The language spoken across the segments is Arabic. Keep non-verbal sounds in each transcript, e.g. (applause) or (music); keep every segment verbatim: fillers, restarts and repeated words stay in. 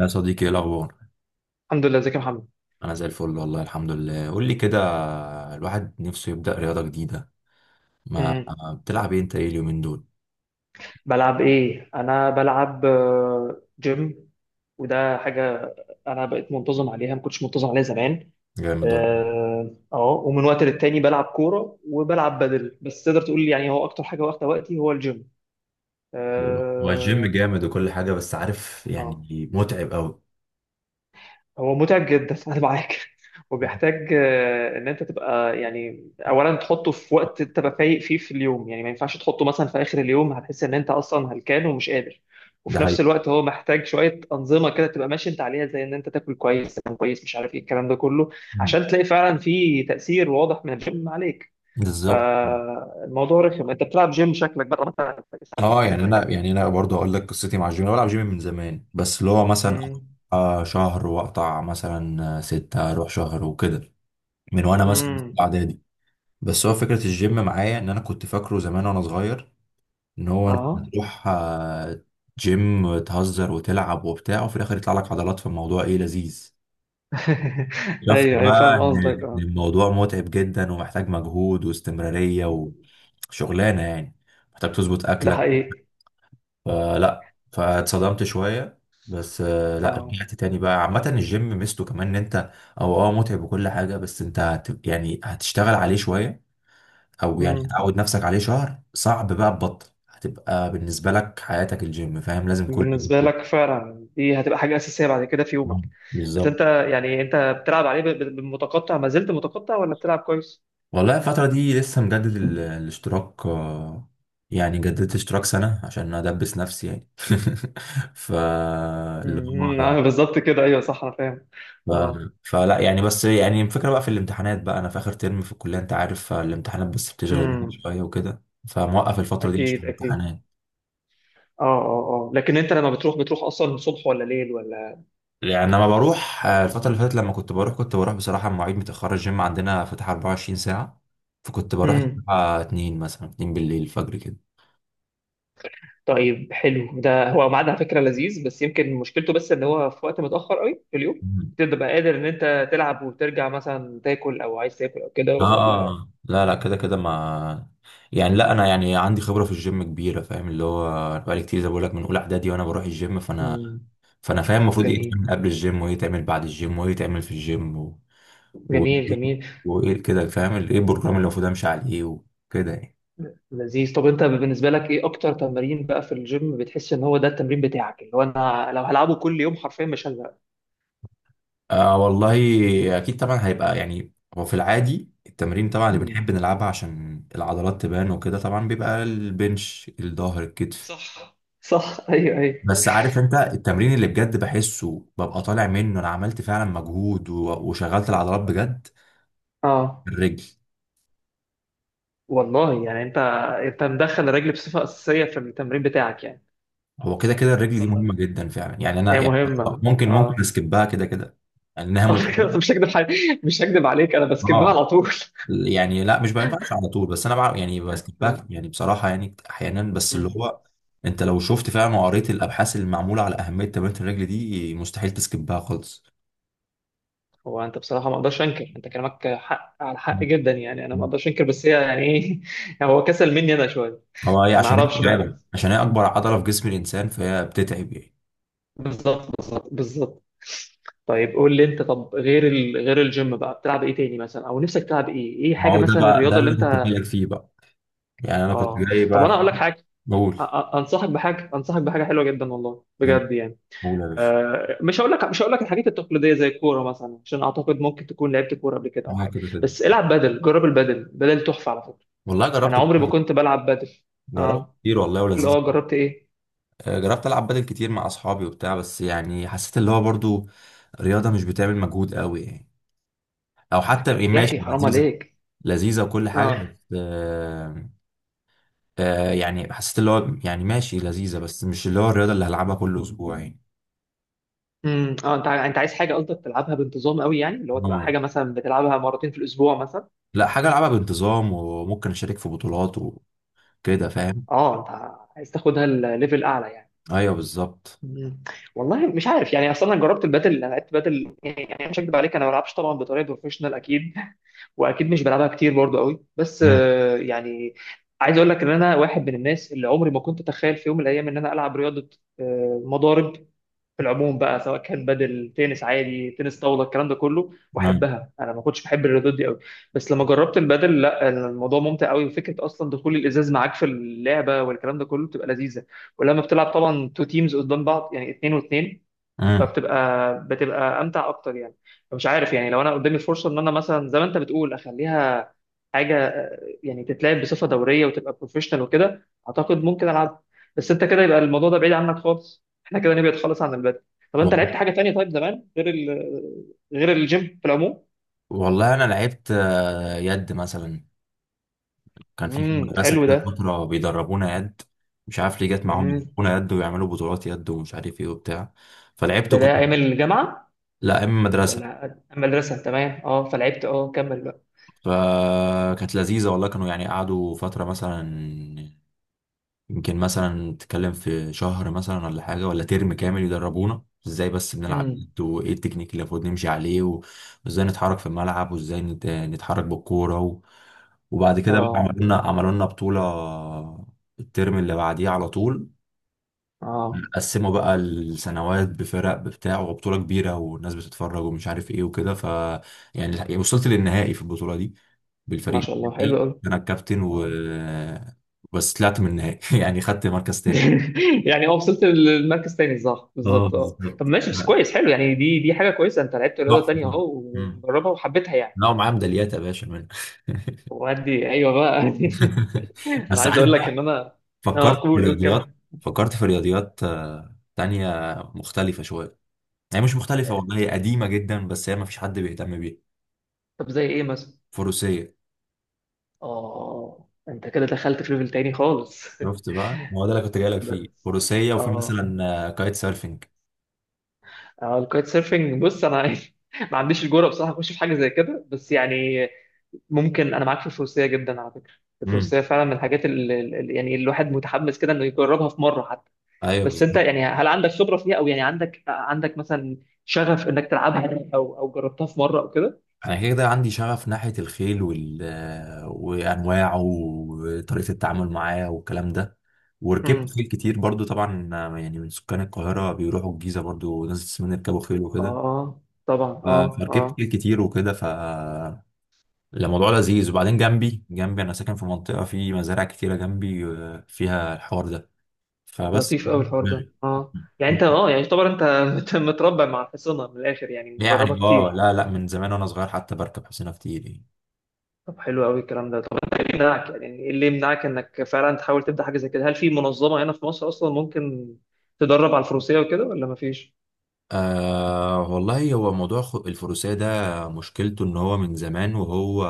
يا صديقي، ايه الاخبار؟ الحمد لله، ازيك يا محمد؟ انا زي الفل والله الحمد لله. قول لي كده، الواحد نفسه يبدا رياضه جديده. ما مم. بتلعب ايه انت ايه اليومين دول؟ بلعب ايه؟ انا بلعب آه، جيم. وده حاجه، انا بقيت منتظم عليها، ما كنتش منتظم عليها زمان. جامد والله. اه أهو. ومن وقت للتاني بلعب كوره وبلعب بدل، بس تقدر تقول يعني هو اكتر حاجه واخده وقتي هو الجيم. هو الجيم اه. جامد وكل حاجه، بس عارف آه. يعني متعب قوي. هو متعب جدا (laughs) انا معاك. وبيحتاج آه، ان انت تبقى يعني اولا تحطه في وقت تبقى فايق فيه في اليوم، يعني ما ينفعش تحطه مثلا في اخر اليوم، هتحس ان انت اصلا هلكان ومش قادر. ده وفي نفس حقيقي. الوقت هو محتاج شويه انظمه كده تبقى ماشي انت عليها، زي ان انت تاكل كويس، تنام كويس، مش عارف ايه الكلام ده كله. مم. عشان تلاقي فعلا في تاثير واضح من الجيم عليك. بالظبط. فالموضوع رخم، انت بتلعب جيم شكلك بقى مثلا ساعات اه، حاجه يعني زي انا كده. يعني انا برضه هقول لك قصتي مع الجيم. انا بلعب جيم من زمان، بس اللي هو مثلا امم. آه، شهر واقطع مثلا آه، ستة، اروح شهر وكده، من وانا مثلا في امم. اعدادي. بس هو فكره الجيم معايا ان انا كنت فاكره زمان وانا صغير، ان هو انت اه، تروح آه، جيم تهزر وتلعب وبتاع، وفي الاخر يطلع لك عضلات في الموضوع، ايه لذيذ. (laughs) شفت ايوه ايوه، بقى فاهم ان قصدك إن اه. الموضوع متعب جدا ومحتاج مجهود واستمرارية وشغلانة يعني. محتاج تظبط ده اكلك. حقيقي. فلا، فاتصدمت شوية. بس آه، لا، اه. رجعت تاني بقى. عامة الجيم ميزته كمان ان انت او اه متعب وكل حاجة، بس انت هت يعني هتشتغل عليه شوية، او يعني مم. تعود نفسك عليه شهر، صعب بقى تبطل، هتبقى بالنسبه لك حياتك الجيم، فاهم؟ لازم كل يوم بالنسبة تروح. لك فعلا دي هتبقى حاجة أساسية بعد كده في يومك. نعم، بس بالظبط. أنت يعني أنت بتلعب عليه ب- ب- بالمتقطع، ما زلت متقطع ولا بتلعب كويس؟ والله الفتره دي لسه مجدد ال- الاشتراك، آه، يعني جددت اشتراك سنه عشان ادبس نفسي يعني. (laughs) ف اللي امم، هو آه، بالظبط كده، أيوه صح، أنا فاهم. ف... اه. فلا يعني، بس يعني الفكره بقى في الامتحانات بقى، انا في اخر ترم في الكليه انت عارف، فالامتحانات بس بتشغل الواحد امم. شويه وكده، فموقف الفتره دي عشان أكيد أكيد. الامتحانات. اه اه اه، لكن أنت لما بتروح، بتروح أصلا صبح ولا ليل ولا... يعني لما بروح، آه، الفترة اللي فاتت لما كنت بروح، كنت بروح بصراحة مواعيد متأخرة، الجيم عندنا فاتح اربعة وعشرين ساعة. فكنت بروح مم. امم. الساعة اتنين مثلا، اتنين بالليل الفجر كده. طيب، حلو ده، هو ميعاد على فكرة لذيذ، بس يمكن مشكلته بس إن هو في وقت متأخر قوي في اليوم. مم. تبقى قادر إن أنت تلعب وترجع مثلا تاكل، أو عايز تاكل أو كده اه. ولا... آه، لا لا، كده كده ما، يعني لا، انا يعني عندي خبرة في الجيم كبيرة، فاهم اللي هو؟ بقالي كتير زي ما بقول لك، من اولى اعدادي وانا بروح الجيم. فانا مم. فانا فاهم المفروض ايه جميل. يتعمل قبل الجيم، وايه يتعمل بعد الجيم، وايه يتعمل في الجيم، و... و... جميل جميل. وايه كده، فاهم ال- ايه البروجرام اللي المفروض امشي عليه وكده يعني. لذيذ، طب انت بالنسبه لك ايه اكتر تمرين بقى في الجيم بتحس ان هو ده التمرين بتاعك؟ اللي هو انا لو هلعبه كل يوم حرفيا مش هزهق. آه والله، اكيد طبعا هيبقى يعني. هو في العادي التمرين طبعا اللي مم. بنحب نلعبها عشان العضلات تبان وكده، طبعا بيبقى البنش، الظهر، الكتف. صح صح، (laughs) ايوه ايوه. بس عارف انت يعني، التمرين اللي بجد بحسه ببقى طالع منه انا عملت فعلا مجهود و- وشغلت العضلات بجد؟ اه. الرجل. والله، يعني انت انت مدخل الرجل بصفه اساسيه في التمرين بتاعك يعني. هو كده كده الرجل دي اصلا. مهمة جدا فعلا، يعني انا هي يعني مهمه ممكن ممكن اه. اسكبها كده كده، لانها (laughs) على فكره متعبة. مش هكدب حي... مش هكدب عليك، انا بسكبها اه، على طول (laughs) يعني لا، مش ما ينفعش على طول، بس انا بعرف يعني اه. بسكبها يعني، بصراحه يعني احيانا بس اللي مم. هو، انت لو شفت فعلا وقريت الابحاث اللي معموله على اهميه تمرين الرجل دي، مستحيل تسكبها خالص. هو انت بصراحه ما اقدرش انكر، انت كلامك حق على حق جدا، يعني انا ما مم. اقدرش انكر، بس هي يعني ايه (laughs) يعني هو كسل مني انا شويه. هو هي ما عشان هي اعرفش بقى. متعبه، عشان هي اكبر عضله في جسم الانسان فهي بتتعب يعني. بالظبط، بالظبط، بالظبط. طيب قول لي انت، طب غير ال... غير الجيم بقى بتلعب ايه تاني مثلا، او نفسك تلعب ايه ايه ما حاجه هو ده مثلا بقى ده الرياضه اللي اللي انا كنت انت... جايلك فيه بقى، يعني انا كنت اه، جاي طب انا بقى. اقول لك حاجه. بقول، أ- أ- انصحك بحاجه انصحك بحاجه حلوه جدا، والله بجد يعني. بقول يا باشا. آه، مش هقول لك مش هقول لك الحاجات التقليديه زي الكوره مثلا، عشان اعتقد ممكن تكون لعبت كوره قبل كده او انا حاجه. كده كده بس العب بدل، جرب البدل، بدل تحفه على فكره. والله انا جربت عمري ما كتير، كنت بلعب بادل. جربت اه، كتير والله قول، ولذيذ. اه، جربت ايه؟ آه، جربت العب بدل كتير مع اصحابي وبتاع، بس يعني حسيت اللي هو برضو رياضه مش بتعمل مجهود قوي يعني، او حتى إيه، يا ماشي اخي حرام لذيذه. عليك! لذيذه وكل حاجه اه. بس آه آه يعني حسيت اللي هو، يعني ماشي لذيذه، بس مش اللي هو الرياضه اللي هلعبها كل اسبوع يعني. امم، اه، انت ع- انت عايز حاجه قصدك تلعبها بانتظام قوي، يعني اللي هو تبقى آه، حاجه مثلا بتلعبها مرتين في الاسبوع مثلا. لا، حاجه العبها بانتظام وممكن اشارك في بطولات وكده، فاهم؟ اه، انت عايز تاخدها الليفل اعلى يعني. ايوه بالظبط. مم. والله مش عارف يعني، اصلا انا جربت البادل، انا لعبت بادل، يعني مش هكدب عليك، انا ما بلعبش طبعا بطريقه بروفيشنال اكيد. (laughs) واكيد مش بلعبها كتير برضو قوي، بس مم. آه، يعني. عايز اقول لك ان انا واحد من الناس اللي عمري ما كنت اتخيل في يوم من الايام ان انا العب رياضه. آه، مضارب. في العموم بقى، سواء كان بدل، تنس عادي، تنس طاوله، الكلام ده كله، مم. واحبها، انا ما كنتش بحب الرياضات دي قوي. بس لما جربت البدل، لا، الموضوع ممتع قوي، وفكره اصلا دخول الازاز معاك في اللعبه والكلام ده كله بتبقى لذيذه. ولما بتلعب طبعا تو تيمز قدام بعض، يعني اتنين واتنين. مم. فبتبقى بتبقى امتع اكتر يعني. مش عارف يعني، لو انا قدامي الفرصه ان انا مثلا زي ما انت بتقول اخليها حاجه آه، يعني تتلعب بصفه دوريه وتبقى بروفيشنال وكده، اعتقد ممكن العبها. بس انت كده يبقى الموضوع ده بعيد عنك خالص، احنا كده نبعد خالص عن البدل. طب انت لعبت حاجه تانية طيب زمان غير ال... غير الجيم في العموم؟ والله انا لعبت آه، يد مثلا، كان في في امم، المدرسة حلو كده ده. فترة بيدربونا يد. مش عارف ليه جت معاهم امم. يدربونا يد، ويعملوا بطولات يد، ومش عارف ايه وبتاع، فلعبت، ده كنت، ده ايام الجامعه؟ لا اما مدرسة. ولا المدرسه؟ تمام اه، فلعبت اه، كمل بقى. فكانت لذيذة والله. كانوا يعني قعدوا فترة مثلا، يمكن مثلا تتكلم في شهر مثلا ولا حاجة ولا ترم كامل، يدربونا ازاي بس بنلعب امم. يد، وايه التكنيك اللي المفروض نمشي عليه، و- وازاي نتحرك في الملعب، وازاي نت- نتحرك بالكورة و... وبعد كده بقى اه عملوا لنا عملوا لنا بطولة الترم اللي بعديه على طول. اه، قسموا بقى السنوات بفرق بتاع وبطولة كبيرة، والناس بتتفرج ومش عارف ايه وكده. ف يعني يعني وصلت للنهائي في البطولة دي ما بالفريق شاء الله. حلو دي قوي. انا الكابتن، و بس طلعت من النهائي (laughs) يعني خدت مركز تاني. (laughs) يعني اه، وصلت للمركز تاني صح، اه بالظبط اه، طب بالظبط، ماشي بس كويس، حلو يعني، دي دي حاجه كويسه، انت لعبت رياضه تحفة تانية طبعاً. اهو مم. وجربها وحبيتها يعني. لا ومعاه ميداليات يا باشا منها. وادي ايوه بقى (laughs) (laughs) انا بس عايز عارف اقول لك بقى، ان انا... اه، فكرت في قول قول، رياضيات، كمل. فكرت في رياضيات آه، تانية مختلفة شوية. هي مش مختلفة والله، هي قديمة جدا، بس هي ما فيش حد بيهتم بيها. طب زي ايه مثلا؟ فروسية. اه، انت كده دخلت في ليفل تاني خالص. شفت بقى؟ ما هو ده اللي كنت جاي لك (laughs) فيه، بس. فروسيه، وفي اه. مثلا آه، كايت سيرفنج. اه، الكايت سيرفنج، بص انا (laughs) ما عنديش الجرأة بصراحه اخش في حاجه زي كده، بس يعني... ممكن انا معاك في الفروسيه جدا على فكره. امم، الفروسيه فعلا من الحاجات اللي اللي- يعني الواحد متحمس كده انه يجربها في مره حتى. ايوه بس انت بالظبط. يعني، هل عندك خبره فيها؟ او يعني عندك عندك مثلا شغف انك تلعبها، او او جربتها في مره او كده؟ انا كده كده عندي شغف ناحيه الخيل وال آه، وانواعه وطريقه التعامل معاه والكلام ده. وركبت امم، خيل كتير برضو طبعا، آه، يعني من سكان القاهره بيروحوا الجيزه برضو، ناس من يركبوا خيل وكده. اه، طبعا ف- اه فركبت اه. خيل كتير وكده، ف الموضوع لذيذ. وبعدين جنبي جنبي انا ساكن في منطقه في مزارع كتيره جنبي آه، فيها الحوار ده، فبس. لطيف قوي الحوار ده، اه يعني انت اه يعني يعتبر انت (laughs) مت- متربع مع الحصانه من الاخر، يعني مجربها يعني اه، كتير. لا لا من زمان وانا صغير حتى بركب حسينة كتير يعني. طب حلو قوي الكلام ده، طب انت ايه يمنعك، يعني ايه اللي يمنعك انك فعلا تحاول تبدا حاجه زي كده؟ هل في منظمه هنا في مصر اصلا ممكن تدرب على الفروسيه وكده ولا مفيش؟ آه والله، هو موضوع خ- الفروسية ده مشكلته ان هو من زمان وهو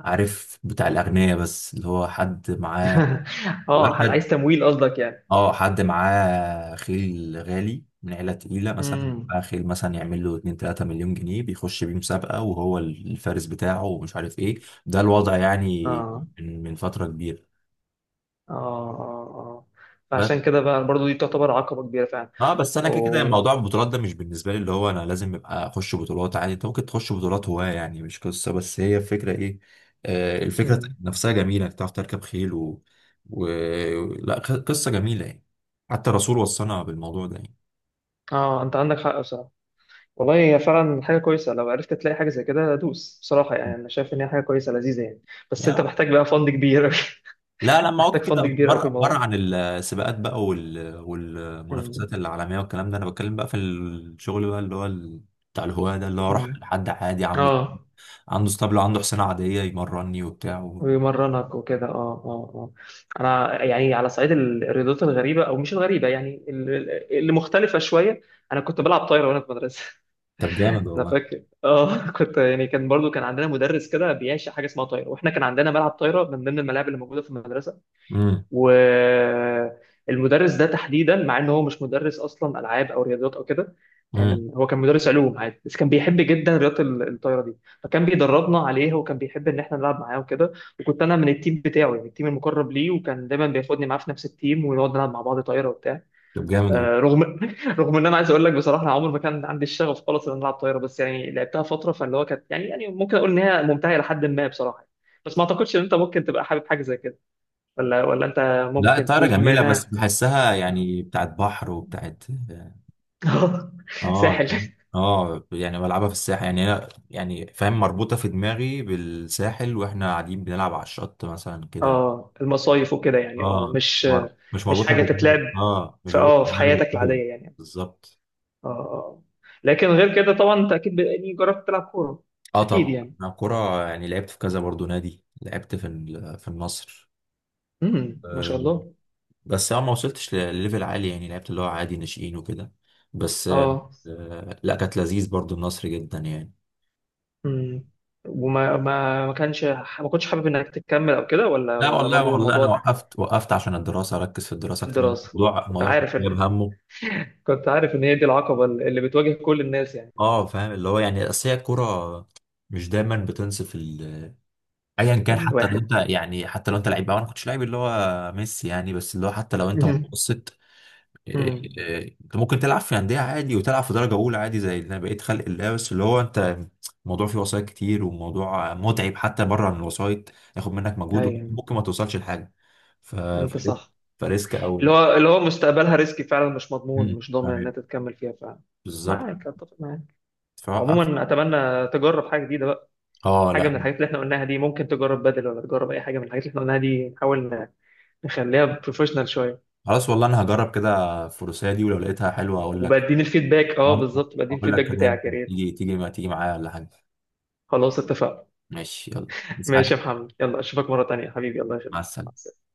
عارف بتاع الاغنياء، بس اللي هو حد معاه (laughs) اه، عايز وركد، تمويل قصدك يعني؟ اه حد معاه خيل غالي من عيلة تقيلة، مثلا امم، معاه خيل مثلا يعمل له اتنين تلاتة مليون جنيه، بيخش بيه مسابقة وهو الفارس بتاعه ومش عارف ايه. ده الوضع يعني، اه من من فترة كبيرة. اه اه اه، بس فعشان كده بقى برضو دي تعتبر عقبه كبيره فعلا. اه، بس انا كده كده أو... موضوع البطولات ده مش بالنسبه لي، اللي هو انا لازم ابقى اخش بطولات، عادي انت ممكن تخش بطولات هواه يعني، مش قصه. بس هي الفكره ايه، آه الفكره مم. نفسها جميله انك تعرف تركب خيل و... و... لا خ- قصه جميله يعني. حتى الرسول وصانا بالموضوع ده يعني. اه، انت عندك حق بصراحه. والله هي فعلا حاجه كويسه، لو عرفت تلاقي حاجه زي كده دوس بصراحه، يعني انا شايف ان هي حاجه كويسه لذيذه يعني. بس يعني انت محتاج بقى فند كبير. (laughs) لا، لما اقعد محتاج كده فند كبير قوي في بره بره الموضوع. عن السباقات بقى وال... مم. والمنافسات العالميه والكلام ده. انا بتكلم بقى في الشغل بقى اللي هو ال... بتاع الهواه ده، اللي هو اروح مم. لحد عادي، عنده اه، عنده اسطبل، عنده حصانه عاديه، يمرني وبتاع. ويمرنك وكده، اه اه اه. انا يعني على صعيد ال- الرياضات الغريبه او مش الغريبه، يعني ال- ال- اللي مختلفه شويه. انا كنت بلعب طايره وانا في مدرسه. طب جامد (laughs) انا والله. فاكر اه، (laughs) كنت يعني كان برضو كان عندنا مدرس كده بيعشق حاجه اسمها طايره، واحنا كان عندنا ملعب طايره من ضمن الملاعب اللي موجوده في المدرسه. امم، والمدرس ده تحديدا، مع ان هو مش مدرس اصلا العاب او رياضيات او كده. امم. كان هو كان مدرس علوم عادي، بس كان بيحب جدا رياضه ال- الطايره دي. فكان بيدربنا عليها، وكان بيحب ان احنا نلعب معاه وكده. وكنت انا من التيم بتاعه، يعني التيم المقرب ليه، وكان دايما بياخدني معاه في نفس التيم ونقعد نلعب مع بعض طايره وبتاع. طب جامد آه، والله. رغم (laughs) رغم ان انا عايز اقول لك بصراحه، أنا عمري ما كان عندي الشغف خالص ان أنا العب طايره، بس يعني لعبتها فتره فاللي هو كانت يعني يعني ممكن اقول ان هي ممتعه لحد ما بصراحه. بس ما اعتقدش ان انت ممكن تبقى حابب حاجه زي كده. ولا ولا انت... لا ممكن الطايره تدوس بما جميله، بس انها... بحسها اه، يعني بتاعت بحر وبتاعت، (laughs) اه، ساحل. فاهم؟ اه يعني بلعبها في الساحل، يعني انا يعني فاهم مربوطه في دماغي بالساحل، واحنا قاعدين بنلعب على الشط مثلا كده. اه، المصايف وكده يعني، اه اه مش... مر... مش مش مربوطه حاجه في تتلعب دماغي، اه مش في مربوطه اه في في دماغي حياتك بالكوره. العاديه يعني. بالظبط. اه اه آه. لكن غير كده طبعا، انت اكيد يعني جربت تلعب كوره. اه اكيد طبعا يعني. انا كوره يعني لعبت في كذا برضو نادي، لعبت في ال- في النصر. امم، ما شاء الله. بس انا ما وصلتش لليفل عالي يعني، لعبت اللي هو عادي ناشئين وكده. بس آه، اه. آه، لا كانت لذيذ برضو النصر جدا يعني. امم. وما ما ما كانش ما كنتش حابب انك تكمل او كده، ولا لا ولا والله برضو والله انا موضوع وقفت، وقفت عشان الدراسه اركز في الدراسه اكتر، الدراسه؟ الموضوع كنت الموضوع كان عارف ان... جايب همه. (laughs) كنت عارف ان هي دي العقبه اللي بتواجه كل الناس يعني. اه فاهم اللي هو يعني، اصل هي الكوره مش دايما بتنصف ال، ايا كان حتى لو الواحد. انت يعني، حتى لو انت لعيب بقى، انا ما كنتش لعيب اللي هو ميسي يعني، بس اللي هو حتى لو (laughs) انت امم. متوسط أمم. إيه، انت ممكن تلعب في انديه عادي، وتلعب في درجه اولى عادي زي اللي انا بقيت خلق الله، بس اللي هو انت الموضوع فيه وسايط كتير، وموضوع متعب حتى بره من الوسايط، ياخد منك مجهود ايوه. وممكن ما توصلش لحاجه. ف انت فريسك، صح. فريسك اللي قوي. هو اللي هو مستقبلها ريسكي فعلا، مش مضمون مم. مش ضامن انها فاهم. تتكمل فيها فعلا. بالظبط. معاك، اتفق معاك. فوقف. عموما اتمنى تجرب حاجه جديده بقى. اه حاجه لا، من الحاجات اللي احنا قلناها دي، ممكن تجرب بدل ولا تجرب اي حاجه من الحاجات اللي احنا قلناها دي، نحاول ن- نخليها بروفيشنال شويه. خلاص والله انا هجرب كده الفروسيه دي، ولو لقيتها حلوه اقول لك. وبديني الفيدباك، اه بالظبط، بديني اقول لك الفيدباك كده، بتاعك يا يمكن ريت. تيجي، تيجي ما تيجي معايا ولا حاجه. خلاص اتفقنا. ماشي يلا، (laughs) بس ماشي حاجه. يا محمد، يلا اشوفك مره تانيه حبيبي، الله مع يخليك، مع السلامه. السلامة.